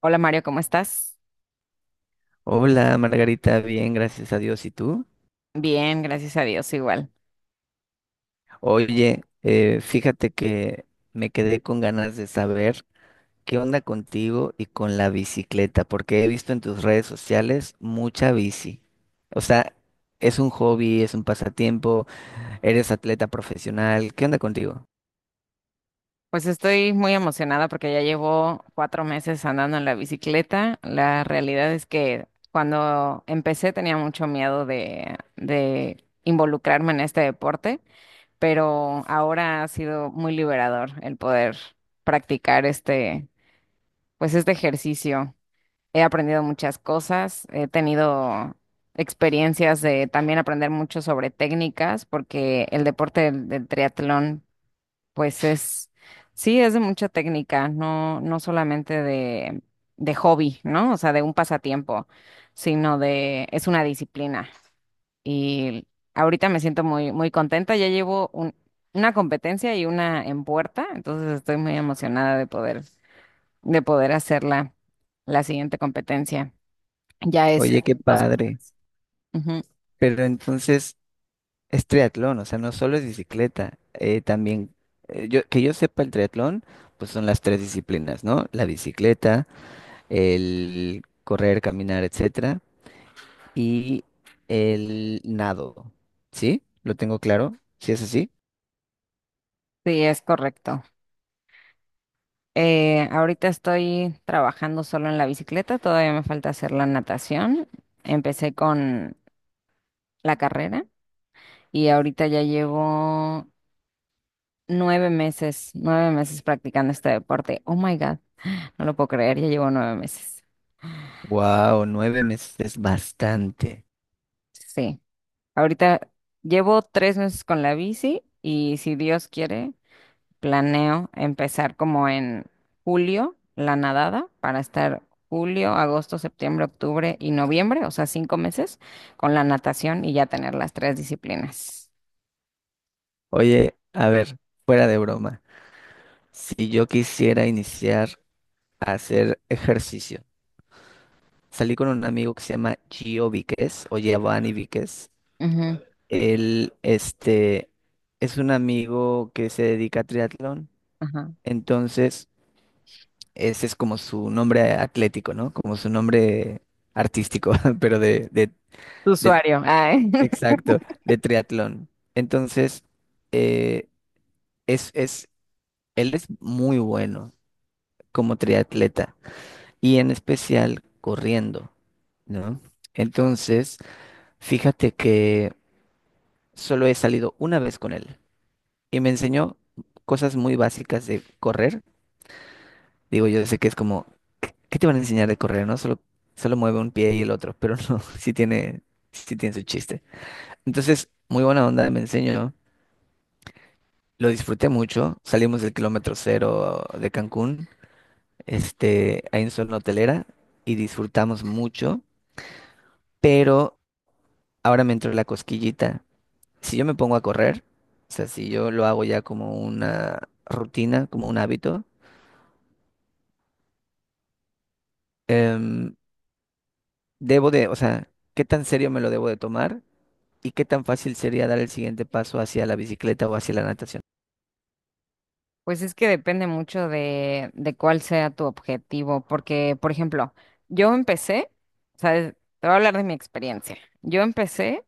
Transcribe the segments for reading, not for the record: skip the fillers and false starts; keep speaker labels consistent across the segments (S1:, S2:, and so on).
S1: Hola Mario, ¿cómo estás?
S2: Hola Margarita, bien, gracias a Dios. ¿Y tú?
S1: Bien, gracias a Dios, igual.
S2: Oye, fíjate que me quedé con ganas de saber qué onda contigo y con la bicicleta, porque he visto en tus redes sociales mucha bici. O sea, es un hobby, es un pasatiempo, eres atleta profesional. ¿Qué onda contigo?
S1: Pues estoy muy emocionada porque ya llevo 4 meses andando en la bicicleta. La realidad es que cuando empecé tenía mucho miedo de involucrarme en este deporte, pero ahora ha sido muy liberador el poder practicar este ejercicio. He aprendido muchas cosas, he tenido experiencias de también aprender mucho sobre técnicas, porque el deporte del triatlón, pues es, sí, es de mucha técnica, no, no solamente de hobby, ¿no? O sea, de un pasatiempo, sino de, es una disciplina. Y ahorita me siento muy, muy contenta, ya llevo una competencia y una en puerta, entonces estoy muy emocionada de poder hacer la siguiente competencia. Ya es,
S2: Oye, qué
S1: o sea,
S2: padre.
S1: ujú,
S2: Pero entonces es triatlón, o sea, no solo es bicicleta, también, yo, que yo sepa el triatlón, pues son las tres disciplinas, ¿no? La bicicleta, el correr, caminar, etcétera, y el nado. ¿Sí? ¿Lo tengo claro? ¿Sí es así?
S1: sí, es correcto. Ahorita estoy trabajando solo en la bicicleta, todavía me falta hacer la natación. Empecé con la carrera y ahorita ya llevo 9 meses, 9 meses practicando este deporte. Oh my God, no lo puedo creer, ya llevo nueve meses.
S2: Wow, 9 meses es bastante.
S1: Sí, ahorita llevo 3 meses con la bici y si Dios quiere, planeo empezar como en julio, la nadada, para estar julio, agosto, septiembre, octubre y noviembre, o sea, 5 meses con la natación y ya tener las tres disciplinas.
S2: Oye, a ver, fuera de broma, si yo quisiera iniciar a hacer ejercicio, salí con un amigo que se llama Gio Víquez o Giovanni Víquez.
S1: Ujú,
S2: Él, este, es un amigo que se dedica a triatlón,
S1: ajá.
S2: entonces ese es como su nombre atlético, ¿no? Como su nombre artístico, pero
S1: Tu
S2: de-
S1: usuario. Ay.
S2: exacto, de triatlón. Entonces, eh, es, es, él es muy bueno como triatleta y en especial corriendo, ¿no? Entonces, fíjate que solo he salido una vez con él y me enseñó cosas muy básicas de correr. Digo, yo sé que es como ¿qué te van a enseñar de correr, no? Solo, solo mueve un pie y el otro, pero no, sí tiene su chiste. Entonces, muy buena onda, me enseñó. Lo disfruté mucho. Salimos del kilómetro 0 de Cancún, este, ahí en zona hotelera, y disfrutamos mucho. Pero ahora me entró la cosquillita. Si yo me pongo a correr, o sea, si yo lo hago ya como una rutina, como un hábito, em, debo de, o sea, ¿qué tan serio me lo debo de tomar? ¿Y qué tan fácil sería dar el siguiente paso hacia la bicicleta o hacia la natación?
S1: Pues es que depende mucho de cuál sea tu objetivo, porque, por ejemplo, yo empecé, ¿sabes? Te voy a hablar de mi experiencia. Yo empecé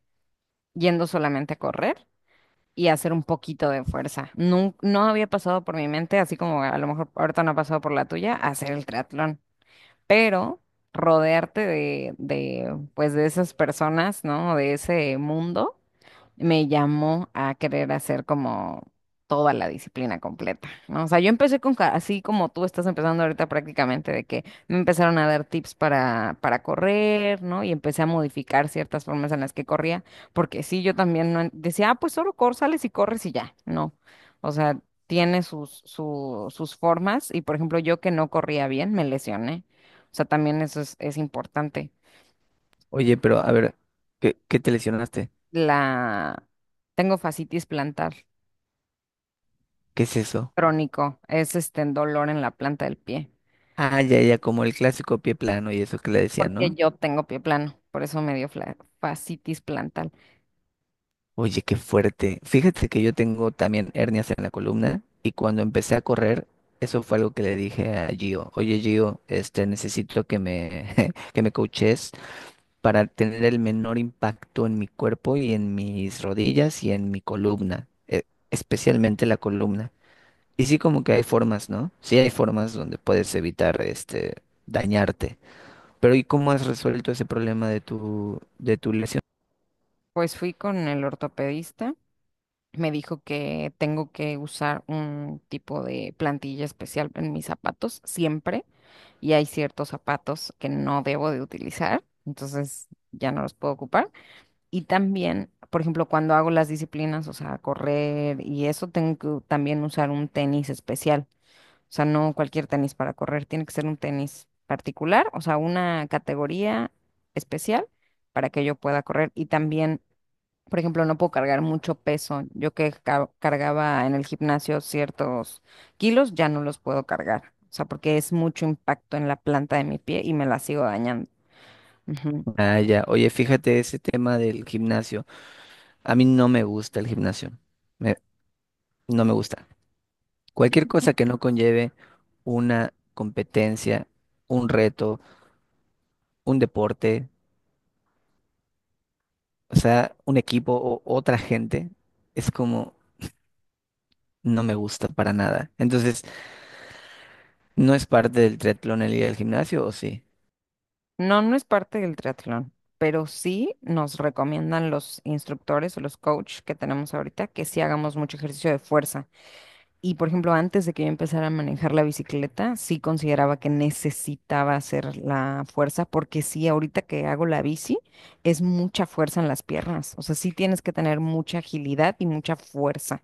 S1: yendo solamente a correr y hacer un poquito de fuerza. No, no había pasado por mi mente, así como a lo mejor ahorita no ha pasado por la tuya, hacer el triatlón, pero rodearte pues de esas personas, ¿no? De ese mundo me llamó a querer hacer como toda la disciplina completa, ¿no? O sea, yo empecé así como tú estás empezando ahorita prácticamente, de que me empezaron a dar tips para correr, ¿no? Y empecé a modificar ciertas formas en las que corría, porque sí, yo también no decía, ah, pues solo sales y corres y ya, no. O sea, tiene sus formas y, por ejemplo, yo que no corría bien, me lesioné. O sea, también eso es importante.
S2: Oye, pero a ver, ¿qué, qué te lesionaste?
S1: La... Tengo fascitis plantar.
S2: ¿Qué es eso?
S1: Crónico, es este dolor en la planta del pie,
S2: Ah, ya, ya, como el clásico pie plano y eso que le decían,
S1: porque
S2: ¿no?
S1: yo tengo pie plano, por eso me dio fascitis plantal.
S2: Oye, qué fuerte. Fíjate que yo tengo también hernias en la columna y cuando empecé a correr, eso fue algo que le dije a Gio. Oye, Gio, este, necesito que me, que me coaches para tener el menor impacto en mi cuerpo y en mis rodillas y en mi columna, especialmente la columna. Y sí, como que hay formas, ¿no? Sí hay formas donde puedes evitar este dañarte. Pero ¿y cómo has resuelto ese problema de tu lesión?
S1: Pues fui con el ortopedista, me dijo que tengo que usar un tipo de plantilla especial en mis zapatos siempre, y hay ciertos zapatos que no debo de utilizar, entonces ya no los puedo ocupar. Y también, por ejemplo, cuando hago las disciplinas, o sea, correr y eso, tengo que también usar un tenis especial. O sea, no cualquier tenis para correr, tiene que ser un tenis particular, o sea, una categoría especial para que yo pueda correr. Y también, por ejemplo, no puedo cargar mucho peso. Yo que cargaba en el gimnasio ciertos kilos, ya no los puedo cargar. O sea, porque es mucho impacto en la planta de mi pie y me la sigo dañando. Ujú.
S2: Ah, ya. Oye, fíjate ese tema del gimnasio. A mí no me gusta el gimnasio. Me- no me gusta. Cualquier cosa que no conlleve una competencia, un reto, un deporte, o sea, un equipo o otra gente, es como no me gusta para nada. Entonces, ¿no es parte del triatlón el ir al gimnasio o sí?
S1: No, no es parte del triatlón, pero sí nos recomiendan los instructores o los coaches que tenemos ahorita que sí hagamos mucho ejercicio de fuerza. Y por ejemplo, antes de que yo empezara a manejar la bicicleta, sí consideraba que necesitaba hacer la fuerza, porque sí, ahorita que hago la bici, es mucha fuerza en las piernas. O sea, sí tienes que tener mucha agilidad y mucha fuerza.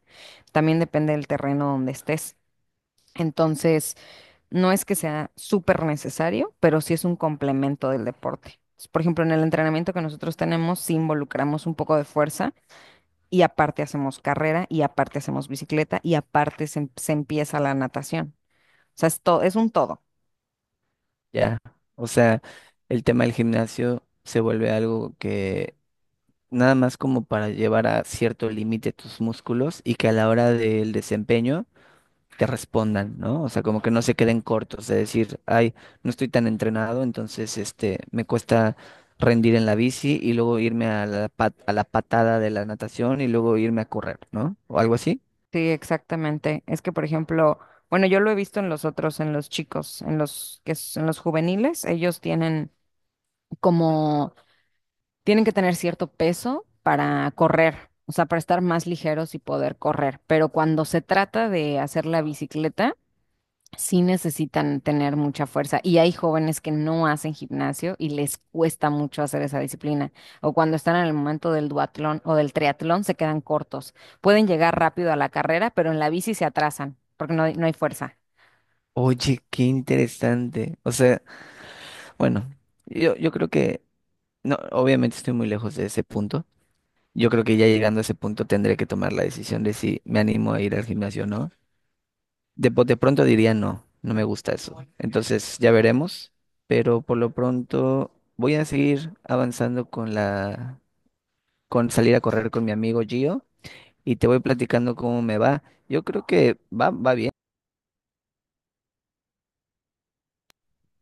S1: También depende del terreno donde estés. Entonces, no es que sea súper necesario, pero sí es un complemento del deporte. Por ejemplo, en el entrenamiento que nosotros tenemos, sí involucramos un poco de fuerza y aparte hacemos carrera y aparte hacemos bicicleta y aparte se empieza la natación. O sea, es todo, es un todo.
S2: Ya, o sea, el tema del gimnasio se vuelve algo que nada más como para llevar a cierto límite tus músculos y que a la hora del desempeño te respondan, ¿no? O sea, como que no se queden cortos, de decir, ay, no estoy tan entrenado, entonces este me cuesta rendir en la bici y luego irme a la a la patada de la natación y luego irme a correr, ¿no? O algo así.
S1: Sí, exactamente. Es que, por ejemplo, bueno, yo lo he visto en los otros, en los chicos, en los juveniles, ellos como tienen que tener cierto peso para correr, o sea, para estar más ligeros y poder correr. Pero cuando se trata de hacer la bicicleta sí necesitan tener mucha fuerza y hay jóvenes que no hacen gimnasio y les cuesta mucho hacer esa disciplina o cuando están en el momento del duatlón o del triatlón se quedan cortos. Pueden llegar rápido a la carrera, pero en la bici se atrasan porque no, no hay fuerza.
S2: Oye, qué interesante. O sea, bueno, yo creo que no, obviamente estoy muy lejos de ese punto. Yo creo que ya llegando a ese punto tendré que tomar la decisión de si me animo a ir al gimnasio o no. De pronto diría no, no me gusta eso. Entonces ya veremos, pero por lo pronto voy a seguir avanzando con con salir a correr con mi amigo Gio y te voy platicando cómo me va. Yo creo que va, va bien.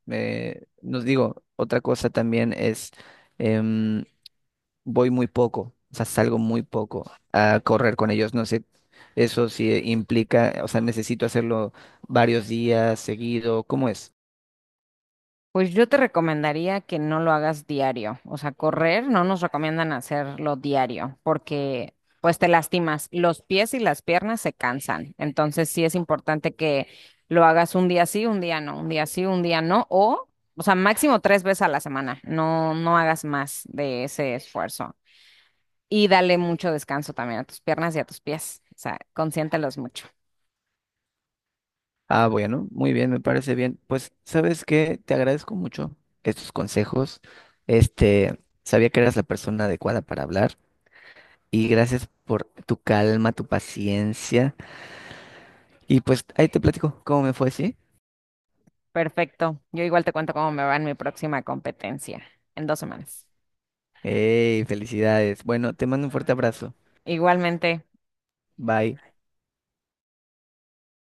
S2: Nos digo, otra cosa también es em, voy muy poco, o sea, salgo muy poco a correr con ellos, no sé, eso sí implica, o sea, necesito hacerlo varios días seguido, ¿cómo es?
S1: Pues yo te recomendaría que no lo hagas diario, o sea, correr no nos recomiendan hacerlo diario porque pues te lastimas, los pies y las piernas se cansan, entonces sí es importante que lo hagas un día sí, un día no, un día sí, un día no, o sea, máximo 3 veces a la semana, no, no hagas más de ese esfuerzo y dale mucho descanso también a tus piernas y a tus pies, o sea, consiéntelos mucho.
S2: Ah, bueno, muy bien, me parece bien. Pues, ¿sabes qué? Te agradezco mucho estos consejos. Este, sabía que eras la persona adecuada para hablar y gracias por tu calma, tu paciencia y pues ahí te platico cómo me fue, ¿sí?
S1: Perfecto, yo igual te cuento cómo me va en mi próxima competencia en 2 semanas.
S2: ¡Ey, felicidades! Bueno, te mando un fuerte abrazo.
S1: Igualmente.
S2: Bye.